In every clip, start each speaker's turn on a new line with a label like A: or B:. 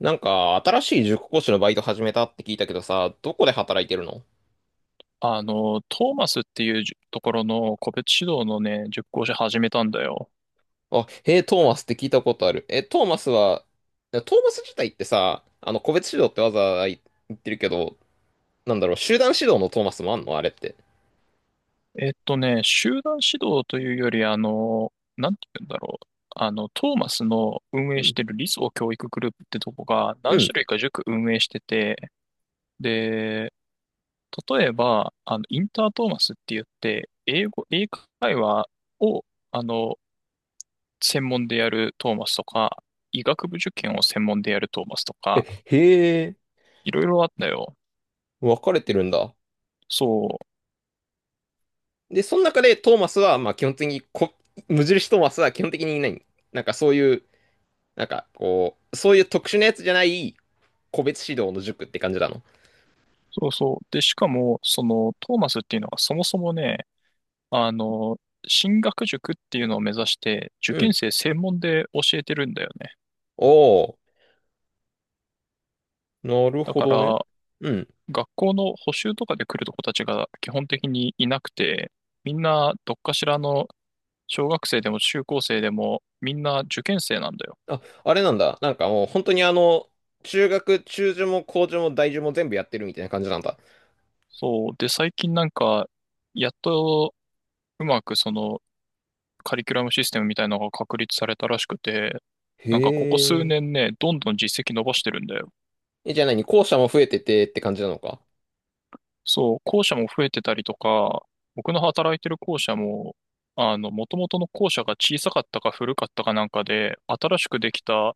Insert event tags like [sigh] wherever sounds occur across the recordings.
A: なんか、新しい塾講師のバイト始めたって聞いたけどさ、どこで働いてるの？
B: トーマスっていうじところの個別指導の塾講師始めたんだよ。
A: あ、へえ、トーマスって聞いたことある。え、トーマスは、トーマス自体ってさ、個別指導ってわざわざ言ってるけど、なんだろう、集団指導のトーマスもあんのあれって。
B: 集団指導というより、なんて言うんだろう。トーマスの運
A: う
B: 営し
A: ん。
B: てる理想教育グループってとこが
A: う
B: 何種
A: ん。
B: 類か塾運営してて、で、例えば、インタートーマスって言って、英会話を、あの、専門でやるトーマスとか、医学部受験を専門でやるトーマスとか、
A: へえ、
B: いろいろあったよ。
A: 分かれてるんだ。
B: そう。
A: で、その中でトーマスは、まあ基本的に無印トーマスは基本的にいない。なんかそういう、なんかこう、そういう特殊なやつじゃない個別指導の塾って感じなの？
B: そうそう。で、しかも、その、トーマスっていうのはそもそもね、あの、進学塾っていうのを目指して、受
A: う
B: 験
A: ん。
B: 生専門で教えてるんだよね。
A: おー。なる
B: だ
A: ほ
B: か
A: どね。
B: ら、
A: うん。
B: 学校の補習とかで来る子たちが基本的にいなくて、みんなどっかしらの小学生でも中高生でもみんな受験生なんだよ。
A: あ、あれなんだ。なんかもう本当に中受も高受も大受も全部やってるみたいな感じなんだ。
B: そう。で、最近なんか、やっとうまくそのカリキュラムシステムみたいなのが確立されたらしくて、
A: へ
B: なんかここ数
A: え。
B: 年ね、どんどん実績伸ばしてるんだよ。
A: え、じゃあ何校舎も増えててって感じなのか。
B: そう、校舎も増えてたりとか、僕の働いてる校舎も、元々の校舎が小さかったか古かったかなんかで、新しくできた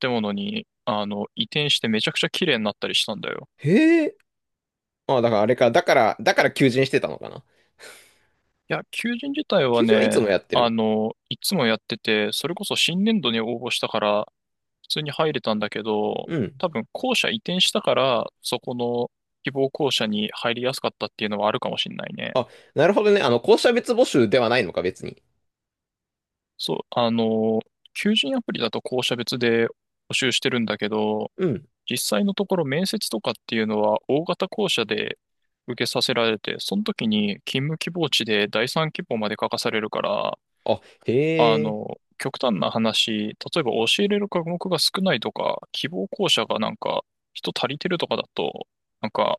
B: 建物に、移転してめちゃくちゃ綺麗になったりしたんだよ。
A: へえ。あ、だからあれか。だから求人してたのかな。
B: いや、求人自体は
A: 求人はいつ
B: ね、
A: もやってる。
B: いつもやってて、それこそ新年度に応募したから、普通に入れたんだけど、
A: うん。
B: 多分校舎移転したから、そこの希望校舎に入りやすかったっていうのはあるかもしんないね。
A: あ、なるほどね。校舎別募集ではないのか、別に。
B: そう、求人アプリだと校舎別で募集してるんだけど、
A: うん。
B: 実際のところ面接とかっていうのは大型校舎で受けさせられて、その時に勤務希望地で第三希望まで書かされるから、
A: あ、へえ。
B: 極端な話、例えば教えれる科目が少ないとか、希望校舎がなんか人足りてるとかだと、なんか、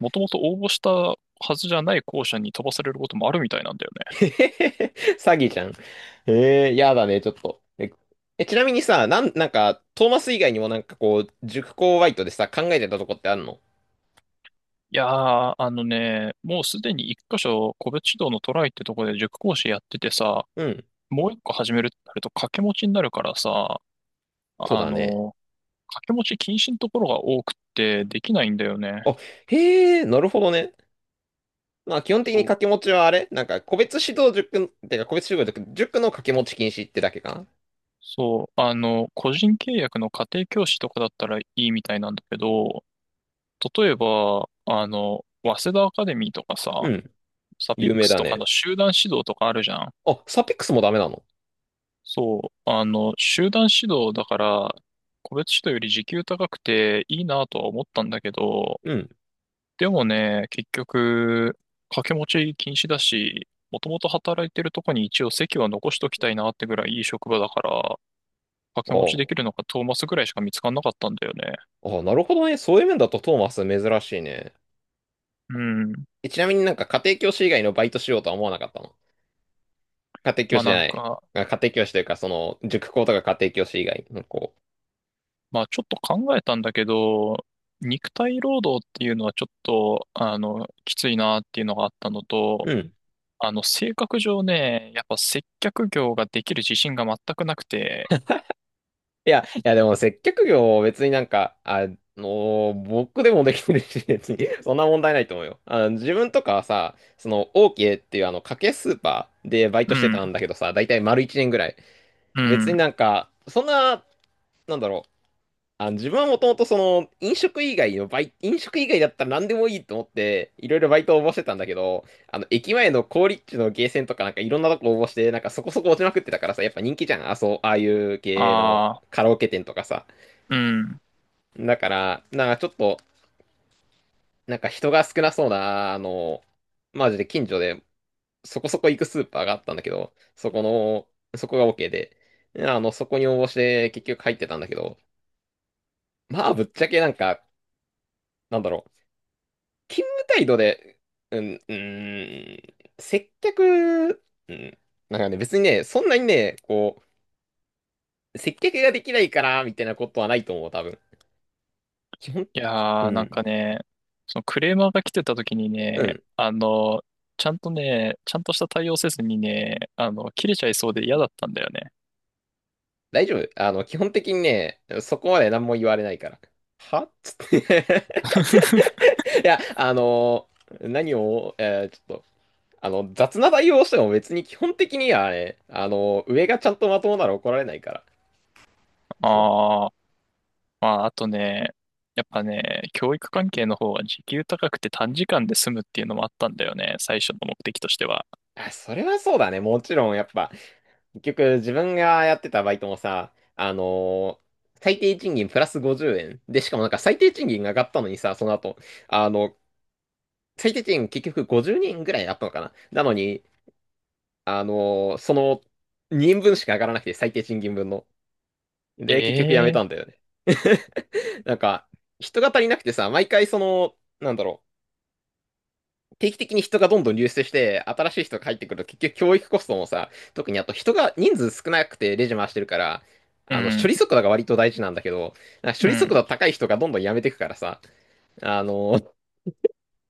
B: もともと応募したはずじゃない校舎に飛ばされることもあるみたいなんだよ
A: [laughs]
B: ね。
A: へへへ詐欺じゃん。ええー、やだね、ちょっと。えちなみにさ、なんか、トーマス以外にもなんかこう、塾講バイトでさ、考えてたとこってあるの？
B: いやー、あのね、もうすでに一箇所、個別指導のトライってとこで塾講師やっててさ、
A: うん、
B: もう一個始めるってなると掛け持ちになるからさ、
A: そう
B: あ
A: だね。
B: の、掛け持ち禁止のところが多くってできないんだよね。
A: あ、へえ、なるほどね。まあ、基本的に
B: そ
A: 掛け
B: う。
A: 持ちはあれなんか、個別指導塾、塾の掛け持ち禁止ってだけかな？
B: そう、個人契約の家庭教師とかだったらいいみたいなんだけど、例えば、早稲田アカデミーとか
A: う
B: さ、
A: ん、
B: サピッ
A: 有
B: ク
A: 名
B: ス
A: だ
B: とか
A: ね。
B: の集団指導とかあるじゃん。
A: あ、サピックスもダメなの？
B: そう、集団指導だから、個別指導より時給高くていいなとは思ったんだけど、
A: うん。
B: でもね、結局、掛け持ち禁止だし、もともと働いてるとこに一応席は残しときたいなってぐらいいい職場だから、掛け持ちで
A: あ
B: きるのがトーマスぐらいしか見つかんなかったんだよね。
A: あ、ああ、なるほどね。そういう面だとトーマス珍しいね。
B: うん。
A: え、ちなみになんか家庭教師以外のバイトしようとは思わなかったの？家庭教
B: ま
A: 師
B: あ
A: じ
B: な
A: ゃ
B: ん
A: ない。
B: か、
A: あ、家庭教師というか、塾講とか家庭教師以外の子。
B: まあちょっと考えたんだけど、肉体労働っていうのはちょっと、きついなっていうのがあったのと、
A: うん。
B: 性格上ね、やっぱ接客業ができる自信が全くなくて、
A: いやでも接客業別になんか、僕でもできてるし、別に、[laughs] そんな問題ないと思うよ。自分とかはさ、オーケーっていう家計スーパーでバイト
B: う
A: して
B: ん、
A: たんだけどさ、だいたい丸1年ぐらい。
B: う
A: 別に
B: ん、
A: なんか、そんな、なんだろう、あ、自分はもともとその飲食以外の飲食以外だったら何でもいいと思っていろいろバイトを応募してたんだけど、あの駅前の好立地のゲーセンとかなんかいろんなとこ応募してなんかそこそこ落ちまくってたからさ、やっぱ人気じゃん。あ、そう、ああいう系の
B: ああ、
A: カラオケ店とかさ。
B: うん。
A: だから、なんかちょっと、なんか人が少なそうな、マジで近所でそこそこ行くスーパーがあったんだけど、そこが OK で、そこに応募して結局入ってたんだけど、まあぶっちゃけなんか、なんだろう。勤務態度で、うん、うーん、接客、うん、なんかね、別にね、そんなにね、こう、接客ができないから、みたいなことはないと思う、多分。基本、
B: い
A: う
B: やー、なん
A: ん、
B: かね、そのクレーマーが来てた時に
A: う
B: ね、
A: ん、
B: ちゃんとね、ちゃんとした対応せずにね、切れちゃいそうで嫌だったんだよね。
A: 大丈夫。基本的にね、そこまで何も言われないから。はっつって
B: [laughs]
A: [laughs] いや、何を、ちょっと、雑な対応をしても別に基本的にはね、あの上がちゃんとまともなら怒られないから。そう。
B: ああ、まあ、あとね、やっぱね、教育関係の方は時給高くて短時間で済むっていうのもあったんだよね、最初の目的としては。
A: あ、それはそうだね。もちろん、やっぱ、結局、自分がやってたバイトもさ、最低賃金プラス50円。で、しかもなんか最低賃金が上がったのにさ、その後、あの、最低賃金結局50人ぐらいあったのかな。なのに、あのーその2人分しか上がらなくて、最低賃金分の。で、結局やめ
B: ええ
A: たんだよね。[laughs] なんか、人が足りなくてさ、毎回なんだろう。定期的に人がどんどん流出して、新しい人が入ってくると結局教育コストもさ、特にあと人数少なくてレジ回してるから、
B: う
A: 処
B: ん、
A: 理速度が割と大事なんだけど、なんか処
B: う
A: 理
B: ん。
A: 速度高い人がどんどん辞めてくからさ、あの、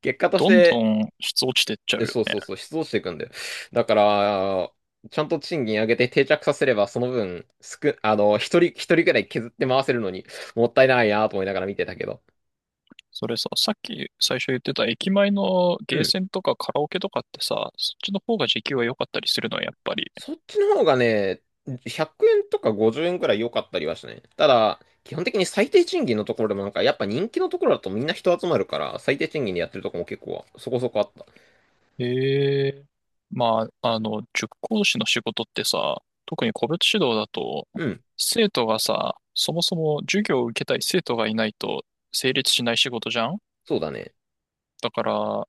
A: 結果とし
B: どんど
A: て、
B: ん質落ちてっちゃう
A: え
B: よ
A: そう
B: ね。
A: そうそう、失踪していくんだよ。だから、ちゃんと賃金上げて定着させれば、その分、すく、あの、一人くらい削って回せるのに、もったいないなと思いながら見てたけど。
B: それさ、さっき最初言ってた駅前の
A: う
B: ゲー
A: ん。
B: センとかカラオケとかってさ、そっちの方が時給は良かったりするのはやっぱり。
A: そっちの方がね、100円とか50円くらい良かったりはしたね。ただ、基本的に最低賃金のところでもなんか、やっぱ人気のところだとみんな人集まるから、最低賃金でやってるとこも結構そこそこあった。
B: へえ。まあ、塾講師の仕事ってさ、特に個別指導だと、
A: うん、
B: 生徒がさ、そもそも授業を受けたい生徒がいないと成立しない仕事じゃん。
A: そうだね。
B: だから、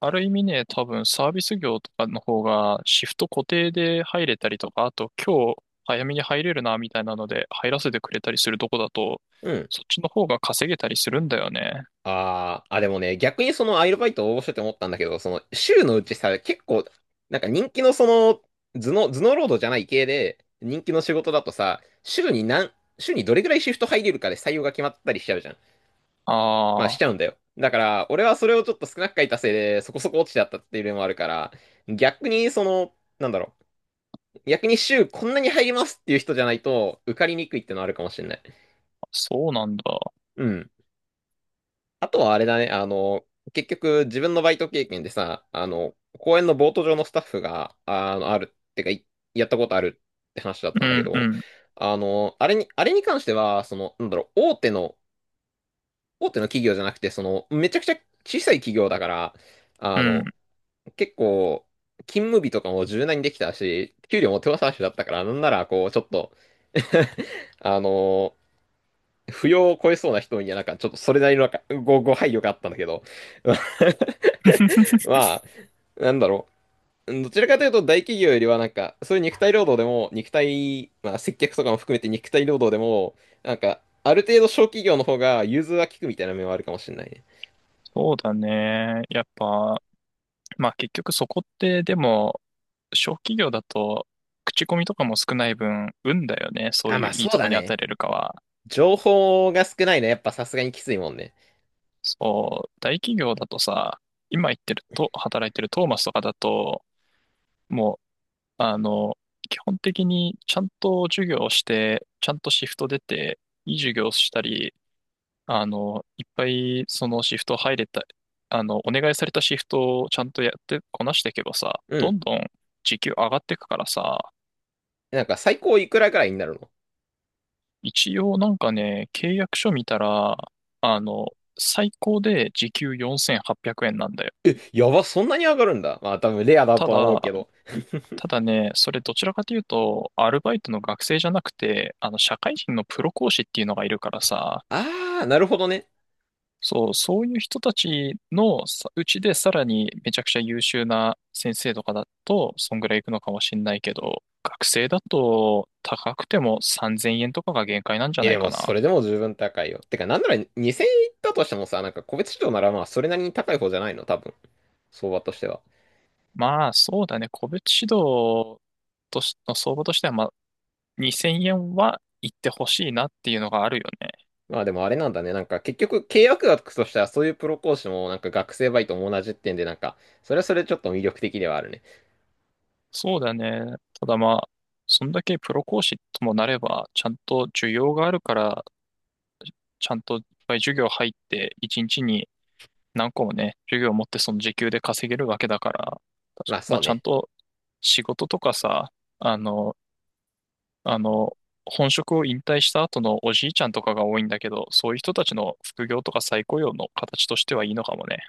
B: ある意味ね、多分サービス業とかの方がシフト固定で入れたりとか、あと今日早めに入れるなみたいなので入らせてくれたりするとこだと、
A: うん。
B: そっちの方が稼げたりするんだよね。
A: あー、あ、でもね、逆にそのアイルバイト応募してて思ったんだけど、その週のうちさ、結構、なんか人気のその、頭脳労働じゃない系で、人気の仕事だとさ、週にどれぐらいシフト入れるかで採用が決まったりしちゃうじゃん。まあ
B: あ
A: し
B: あ、
A: ちゃうんだよ。だから、俺はそれをちょっと少なく書いたせいで、そこそこ落ちちゃったっていうのもあるから、逆になんだろう、逆に週こんなに入りますっていう人じゃないと、受かりにくいってのあるかもしれない。
B: そうなんだ。
A: うん。あとはあれだね、結局自分のバイト経験でさ、公園のボート場のスタッフが、あるってか、やったことあるって話だっ
B: う
A: たんだけ
B: んう
A: ど、
B: ん、
A: あれに関しては、なんだろう、大手の企業じゃなくて、めちゃくちゃ小さい企業だから、
B: う
A: あ
B: ん。
A: の、結構、勤務日とかも柔軟にできたし、給料も手渡しだったから、なんなら、こう、ちょっと [laughs] あの扶養を超えそうな人には、なんか、ちょっとそれなりのなんかご配慮があったんだけど。[laughs] まあ、なんだろう。どちらかというと大企業よりはなんか、そういう肉体労働でも、まあ接客とかも含めて肉体労働でも、なんか、ある程度小企業の方が融通は利くみたいな面はあるかもしれないね。
B: そうだね。やっぱ、まあ結局そこってでも、小企業だと口コミとかも少ない分、運だよね。そ
A: あ、
B: うい
A: ま
B: う
A: あ
B: いい
A: そう
B: とこ
A: だ
B: に当
A: ね。
B: たれるかは。
A: 情報が少ないね。やっぱさすがにきついもんね。
B: そう、大企業だとさ、今言ってると、働いてるトーマスとかだと、もう、あの、基本的にちゃんと授業をして、ちゃんとシフト出て、いい授業をしたり、いっぱいそのシフト入れた、お願いされたシフトをちゃんとやってこなしていけばさ、
A: う
B: ど
A: ん。
B: んどん時給上がっていくからさ、
A: なんか最高いくらぐらいになるの？
B: 一応なんかね、契約書見たら、あの、最高で時給4800円なんだよ。
A: え、やば、そんなに上がるんだ。まあ多分レアだ
B: た
A: とは思う
B: だ、
A: けど。[laughs]
B: それどちらかというと、アルバイトの学生じゃなくて、社会人のプロ講師っていうのがいるからさ、
A: あー、なるほどね。
B: そう、そういう人たちのさうちでさらにめちゃくちゃ優秀な先生とかだと、そんぐらいいくのかもしんないけど、学生だと高くても3000円とかが限界なんじゃ
A: え、
B: な
A: で
B: い
A: も
B: か
A: そ
B: な。
A: れでも十分高いよ。てか、なんなら2000円いったとしてもさ、なんか個別指導ならまあそれなりに高い方じゃないの？多分。相場としては。
B: まあ、そうだね、個別指導としの相場としては、まあ、2000円は行ってほしいなっていうのがあるよね。
A: まあでもあれなんだね。なんか結局契約額としてはそういうプロ講師もなんか学生バイトも同じってんで、なんか、それはそれちょっと魅力的ではあるね。
B: そうだね。ただまあ、そんだけプロ講師ともなれば、ちゃんと需要があるから、ちゃんといっぱい授業入って、一日に何個もね、授業を持ってその時給で稼げるわけだから、確か
A: まあ
B: まあ、
A: そう
B: ちゃん
A: ね。
B: と仕事とかさ、あの、あの、本職を引退した後のおじいちゃんとかが多いんだけど、そういう人たちの副業とか再雇用の形としてはいいのかもね。